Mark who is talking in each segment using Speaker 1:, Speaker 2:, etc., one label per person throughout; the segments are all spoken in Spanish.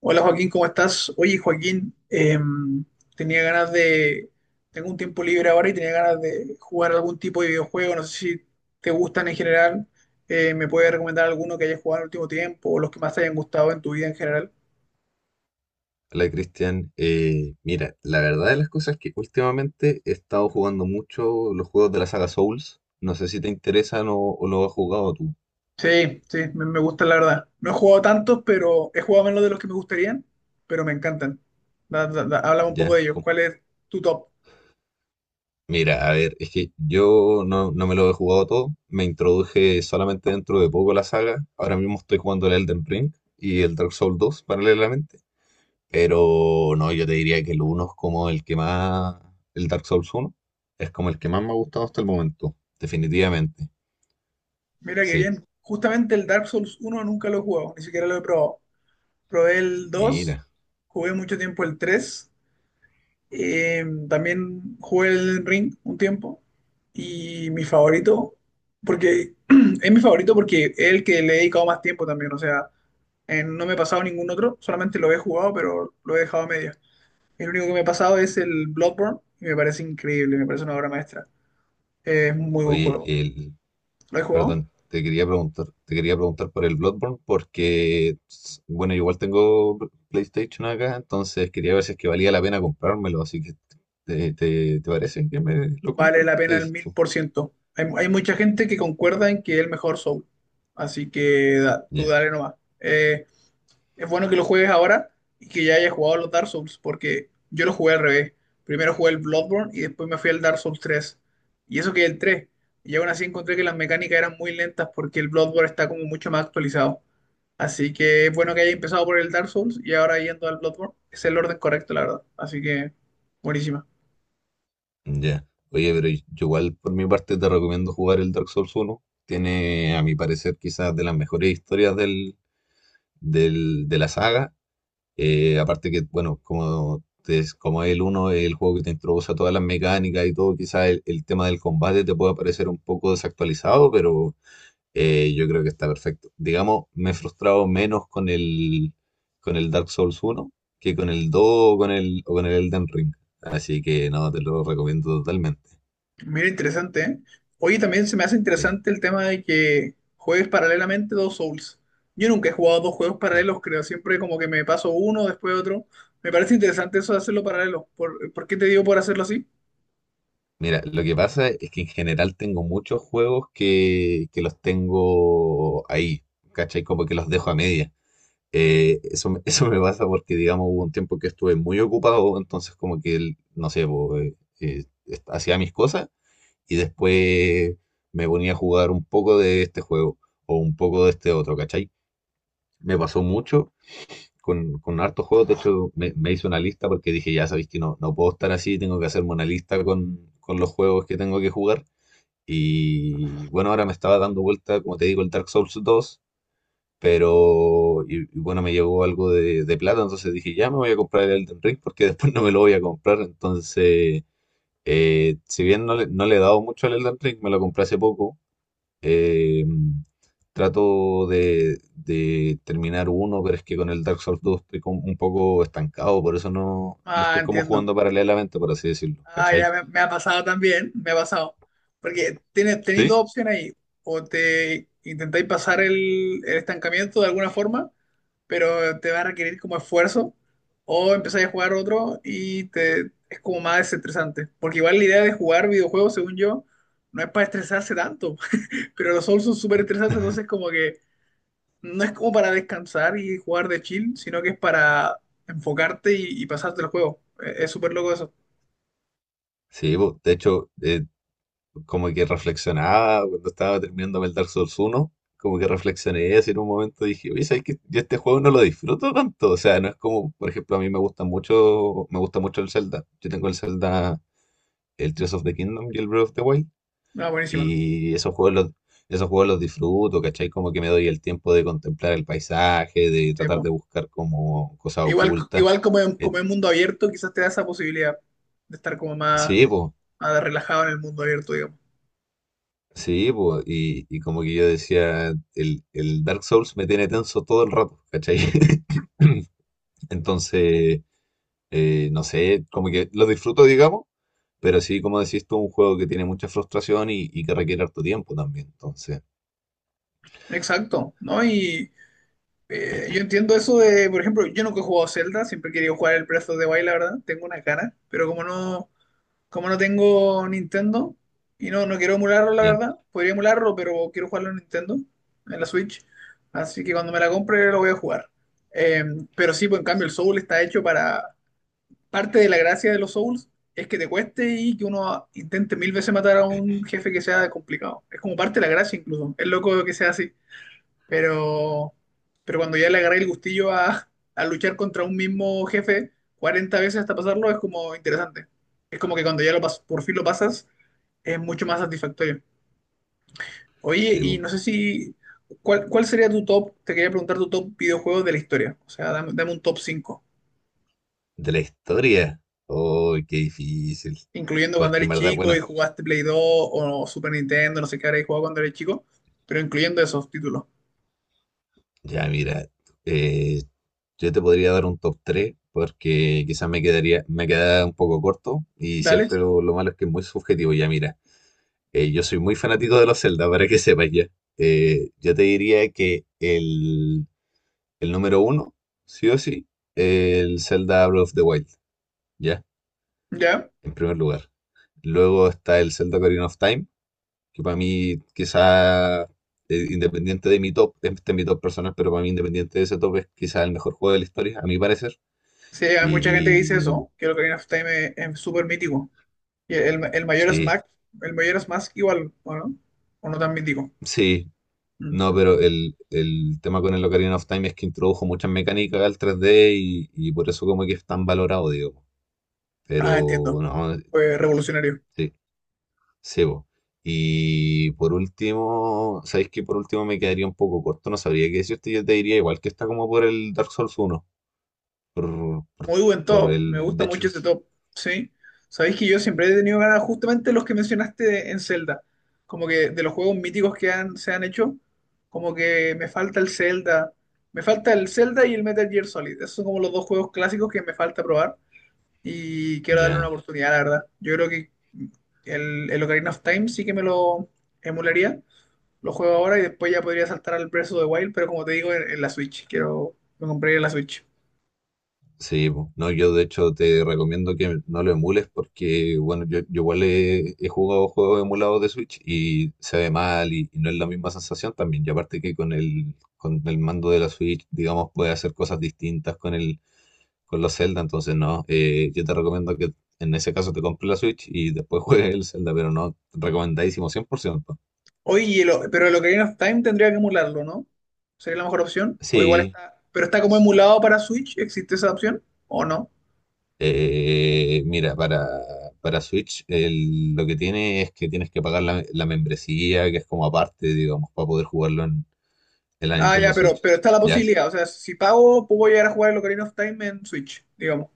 Speaker 1: Hola Joaquín, ¿cómo estás? Oye Joaquín, tenía ganas de... Tengo un tiempo libre ahora y tenía ganas de jugar algún tipo de videojuego. No sé si te gustan en general. ¿Me puedes recomendar alguno que hayas jugado en el último tiempo o los que más te hayan gustado en tu vida en general?
Speaker 2: Hola Cristian, mira, la verdad de las cosas es que últimamente he estado jugando mucho los juegos de la saga Souls. No sé si te interesan o lo has jugado tú.
Speaker 1: Sí, sí, me gustan la verdad. No he jugado tantos, pero he jugado menos de los que me gustarían, pero me encantan. Háblame un poco
Speaker 2: Ya.
Speaker 1: de ellos. ¿Cuál es tu top?
Speaker 2: Mira, a ver, es que yo no me lo he jugado todo. Me introduje solamente dentro de poco a la saga. Ahora mismo estoy jugando el Elden Ring y el Dark Souls dos paralelamente. Pero no, yo te diría que el 1 es como el que más, el Dark Souls uno es como el que más me ha gustado hasta el momento, definitivamente.
Speaker 1: Mira qué
Speaker 2: Sí.
Speaker 1: bien. Justamente el Dark Souls uno nunca lo he jugado, ni siquiera lo he probado. Probé el dos.
Speaker 2: Mira.
Speaker 1: Jugué mucho tiempo el tres. También jugué el Ring un tiempo y mi favorito, porque es mi favorito porque es el que le he dedicado más tiempo también, o sea, no me he pasado ningún otro, solamente lo he jugado pero lo he dejado a medias. El único que me he pasado es el Bloodborne y me parece increíble, me parece una obra maestra. Es un muy buen
Speaker 2: Oye,
Speaker 1: juego.
Speaker 2: el,
Speaker 1: ¿Lo he jugado?
Speaker 2: perdón, te quería preguntar por el Bloodborne porque, bueno, yo igual tengo PlayStation acá, entonces quería ver si es que valía la pena comprármelo, así que ¿te parece que me lo
Speaker 1: Vale
Speaker 2: compre?
Speaker 1: la
Speaker 2: ¿Qué
Speaker 1: pena el
Speaker 2: dices
Speaker 1: mil
Speaker 2: tú?
Speaker 1: por ciento. Hay mucha gente que concuerda en que es el mejor Soul. Así que tú
Speaker 2: Ya,
Speaker 1: dale nomás. Eh, es bueno que lo juegues ahora y que ya hayas jugado los Dark Souls, porque yo lo jugué al revés. Primero jugué el Bloodborne y después me fui al Dark Souls tres. Y eso que el tres. Y aún así encontré que las mecánicas eran muy lentas porque el Bloodborne está como mucho más actualizado. Así que es bueno que haya empezado por el Dark Souls y ahora yendo al Bloodborne. Es el orden correcto, la verdad. Así que buenísima.
Speaker 2: ya. Oye, pero yo igual por mi parte te recomiendo jugar el Dark Souls uno. Tiene, a mi parecer, quizás de las mejores historias de la saga. Aparte que, bueno, como, como el uno es el juego que te introduce a todas las mecánicas y todo, quizás el tema del combate te pueda parecer un poco desactualizado, pero yo creo que está perfecto. Digamos, me he frustrado menos con el Dark Souls uno que con el 2 o con el Elden Ring. Así que no, te lo recomiendo totalmente.
Speaker 1: Mira, interesante, ¿eh? Oye, también se me hace
Speaker 2: Sí.
Speaker 1: interesante el tema de que juegues paralelamente dos Souls. Yo nunca he jugado dos juegos paralelos, creo. Siempre como que me paso uno, después otro. Me parece interesante eso de hacerlo paralelo. ¿Por qué te digo por hacerlo así?
Speaker 2: Mira, lo que pasa es que en general tengo muchos juegos que los tengo ahí, ¿cachai? Como que los dejo a medias. Eso me pasa porque, digamos, hubo un tiempo que estuve muy ocupado, entonces como que, no sé, po, hacía mis cosas y después me ponía a jugar un poco de este juego o un poco de este otro, ¿cachai? Me pasó mucho con hartos juegos. De hecho me hice una lista porque dije, ya sabéis que no puedo estar así, tengo que hacerme una lista con los juegos que tengo que jugar. Y bueno, ahora me estaba dando vuelta, como te digo, el Dark Souls dos. Y bueno, me llegó algo de plata, entonces dije, ya me voy a comprar el Elden Ring porque después no me lo voy a comprar. Entonces, si bien no le he dado mucho al Elden Ring, me lo compré hace poco. eh, Trato de terminar uno, pero es que con el Dark Souls dos estoy como un poco estancado, por eso no lo
Speaker 1: Ah,
Speaker 2: estoy como
Speaker 1: entiendo.
Speaker 2: jugando paralelamente, por así decirlo,
Speaker 1: Ah, ya
Speaker 2: ¿cachai?
Speaker 1: me ha pasado también, me ha pasado. Porque tenéis dos
Speaker 2: Sí,
Speaker 1: opciones ahí. O te intentáis pasar el estancamiento de alguna forma, pero te va a requerir como esfuerzo. O empezáis a jugar otro es como más desestresante. Porque igual la idea de jugar videojuegos, según yo, no es para estresarse tanto. Pero los Souls son súper estresantes, entonces como que no es como para descansar y jugar de chill, sino que es para enfocarte y pasarte el juego. Es súper loco eso.
Speaker 2: sí, po, de hecho, como que reflexionaba cuando estaba terminando el Dark Souls 1, como que reflexioné eso en un momento, dije, oye, ¿sabes qué? Yo este juego no lo disfruto tanto, o sea, no es como, por ejemplo, a mí me gusta mucho el Zelda, yo tengo el Zelda, el Tears of the Kingdom y el Breath of the Wild,
Speaker 1: Ah, buenísima.
Speaker 2: y esos juegos los disfruto, ¿cachai? Como que me doy el tiempo de contemplar el paisaje, de tratar de buscar como cosas
Speaker 1: Igual,
Speaker 2: ocultas.
Speaker 1: igual como
Speaker 2: Eh,
Speaker 1: como en mundo abierto, quizás te da esa posibilidad de estar como
Speaker 2: sí, pues,
Speaker 1: más relajado en el mundo abierto, digamos.
Speaker 2: sí, po, y como que yo decía, el Dark Souls me tiene tenso todo el rato, ¿cachai? Entonces, no sé, como que lo disfruto, digamos, pero sí, como decís tú, un juego que tiene mucha frustración y que requiere harto tiempo también. Entonces,
Speaker 1: Exacto, ¿no? Y yo entiendo eso de, por ejemplo, yo nunca he jugado Zelda, siempre he querido jugar el Breath of the Wild, la verdad, tengo una cara, pero como no tengo Nintendo y no, no quiero emularlo, la
Speaker 2: ya.
Speaker 1: verdad, podría emularlo, pero quiero jugarlo en Nintendo, en la Switch, así que cuando me la compre lo voy a jugar. Eh, pero sí, pues en cambio el Soul está hecho para. Parte de la gracia de los Souls es que te cueste y que uno intente 1000 veces matar a un jefe que sea complicado. Es como parte de la gracia incluso. Es loco que sea así. Pero, pero cuando ya le agarré el gustillo a luchar contra un mismo jefe 40 veces hasta pasarlo, es como interesante. Es como que cuando ya por fin lo pasas, es mucho más satisfactorio. Oye,
Speaker 2: Sí,
Speaker 1: y
Speaker 2: po.
Speaker 1: no sé si... cuál sería tu top? Te quería preguntar tu top videojuegos de la historia. O sea, dame un top 5
Speaker 2: De la historia. Oh, qué difícil.
Speaker 1: incluyendo cuando
Speaker 2: Porque en
Speaker 1: eres
Speaker 2: verdad,
Speaker 1: chico y
Speaker 2: bueno,
Speaker 1: jugaste Play 2 o Super Nintendo, no sé qué habréis jugado cuando eres chico, pero incluyendo esos títulos.
Speaker 2: ya, mira, eh, yo te podría dar un top 3 porque quizás me quedaría, me queda un poco corto y
Speaker 1: Dale,
Speaker 2: siempre lo malo es que es muy subjetivo. Ya, mira, yo soy muy fanático de los Zelda, para que sepas ya. Yo te diría que el número uno, sí o sí, el Zelda Breath of the Wild, ya,
Speaker 1: ya.
Speaker 2: en primer lugar. Luego está el Zelda Ocarina of Time, que para mí quizá, independiente de mi top, este es mi top personal, pero para mí independiente de ese top es quizá el mejor juego de la historia, a mi parecer.
Speaker 1: Sí, hay mucha gente que dice
Speaker 2: Y
Speaker 1: eso, que el Ocarina of Time es súper mítico. Y
Speaker 2: sí,
Speaker 1: El mayor Smash igual, ¿o no? ¿O no tan mítico?
Speaker 2: sí,
Speaker 1: Mm.
Speaker 2: no, pero el tema con el Ocarina of Time es que introdujo muchas mecánicas al 3D y por eso como que es tan valorado, digo.
Speaker 1: Ah,
Speaker 2: Pero
Speaker 1: entiendo.
Speaker 2: no,
Speaker 1: Fue revolucionario.
Speaker 2: sí, sí, po. Y por último, ¿sabéis que por último me quedaría un poco corto? No sabría qué decirte, yo te diría igual que está como por el Dark Souls uno por,
Speaker 1: Muy buen top, me gusta
Speaker 2: de
Speaker 1: mucho
Speaker 2: hecho,
Speaker 1: ese top, ¿sí? Sabéis que yo siempre he tenido ganas justamente los que mencionaste en Zelda, como que de los juegos míticos que se han hecho, como que me falta el Zelda, me falta el Zelda y el Metal Gear Solid, esos son como los dos juegos clásicos que me falta probar y quiero darle una
Speaker 2: ya,
Speaker 1: oportunidad, la verdad. Yo creo que el Ocarina of Time sí que me lo emularía, lo juego ahora y después ya podría saltar al Breath of the Wild, pero como te digo, en la Switch, me compraría la Switch.
Speaker 2: sí, po. No, yo de hecho te recomiendo que no lo emules porque, bueno, yo igual he jugado juegos emulados de Switch y se ve mal y no es la misma sensación también. Y aparte que con el mando de la Switch, digamos, puede hacer cosas distintas con los Zelda, entonces no, yo te recomiendo que en ese caso te compres la Switch y después juegues el Zelda, pero no, recomendadísimo cien por ciento.
Speaker 1: Oye, pero el Ocarina of Time tendría que emularlo, ¿no? ¿Sería la mejor opción? O igual
Speaker 2: Sí.
Speaker 1: está. Pero está como emulado para Switch, ¿existe esa opción? ¿O no?
Speaker 2: Mira, para Switch lo que tiene es que tienes que pagar la membresía, que es como aparte, digamos, para poder jugarlo en la
Speaker 1: Ah, ya,
Speaker 2: Nintendo Switch.
Speaker 1: pero está la
Speaker 2: ¿Ya?
Speaker 1: posibilidad. O sea, si pago, puedo llegar a jugar el Ocarina of Time en Switch, digamos.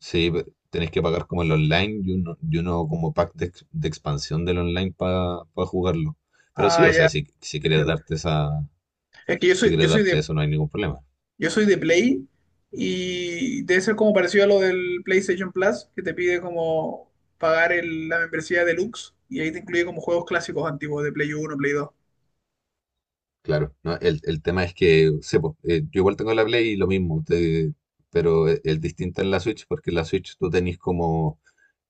Speaker 2: Sí, tenés que pagar como el online y uno como pack de expansión del online para jugarlo. Pero sí,
Speaker 1: Ah,
Speaker 2: o
Speaker 1: ya,
Speaker 2: sea, si quieres
Speaker 1: entiendo.
Speaker 2: darte
Speaker 1: Es que
Speaker 2: si quieres darte eso, no hay ningún problema.
Speaker 1: yo soy de Play y debe ser como parecido a lo del PlayStation Plus, que te pide como pagar la membresía deluxe y ahí te incluye como juegos clásicos antiguos de Play Uno, Play Dos.
Speaker 2: Claro, ¿no? El tema es que, sepo, yo igual tengo la Play y lo mismo, pero el distinto en la Switch, porque en la Switch tú tenés como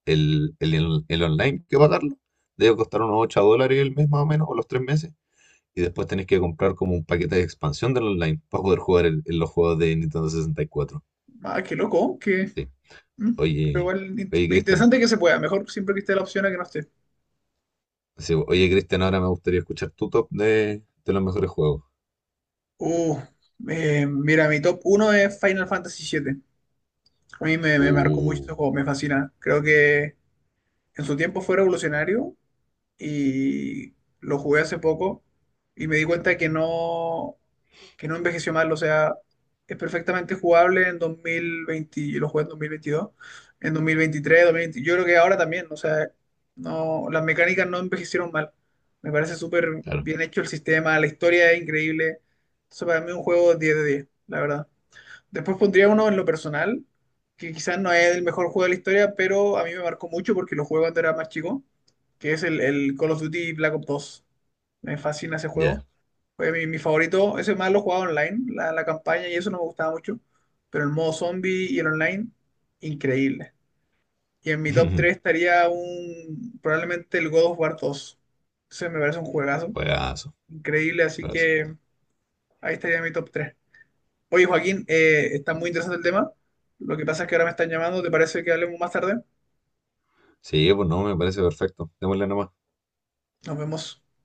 Speaker 2: El online, que pagarlo debe costar unos 8 dólares el mes más o menos, o los 3 meses. Y después tenés que comprar como un paquete de expansión del online para poder jugar en los juegos de Nintendo sesenta y cuatro.
Speaker 1: Ah, qué loco, qué.
Speaker 2: Sí.
Speaker 1: Mm. Pero
Speaker 2: Oye,
Speaker 1: igual
Speaker 2: oye, Cristian.
Speaker 1: interesante que se pueda, mejor siempre que esté la opción a que no esté.
Speaker 2: Sí, oye, Cristian, ahora me gustaría escuchar tu top de los mejores juegos.
Speaker 1: Uh, mira, mi top uno es Final Fantasy 7. A mí me marcó mucho
Speaker 2: Uh,
Speaker 1: este juego, me fascina. Creo que en su tiempo fue revolucionario y lo jugué hace poco y me di cuenta de que no, envejeció mal, o sea, es perfectamente jugable en 2020, yo lo jugué en 2022, en dos mil 2020, yo creo que ahora también, o sea, no, las mecánicas no envejecieron mal, me parece súper
Speaker 2: claro.
Speaker 1: bien hecho el sistema, la historia es increíble, entonces para mí un juego 10 de 10 la verdad. Después pondría uno en lo personal, que quizás no es el mejor juego de la historia, pero a mí me marcó mucho porque lo jugué cuando era más chico, que es el Call of Duty Black Ops dos. Me fascina ese
Speaker 2: Ya.
Speaker 1: juego. Fue mi favorito. Ese más lo jugaba online, la campaña, y eso no me gustaba mucho. Pero el modo zombie y el online, increíble. Y en mi top 3 estaría probablemente el God of War dos. Ese me parece un juegazo.
Speaker 2: Juegazo,
Speaker 1: Increíble, así
Speaker 2: juegazo.
Speaker 1: que ahí estaría mi top tres. Oye, Joaquín, está muy interesante el tema. Lo que pasa es que ahora me están llamando. ¿Te parece que hablemos más tarde?
Speaker 2: Sí, pues no, me parece perfecto. Démosle nomás.
Speaker 1: Nos vemos.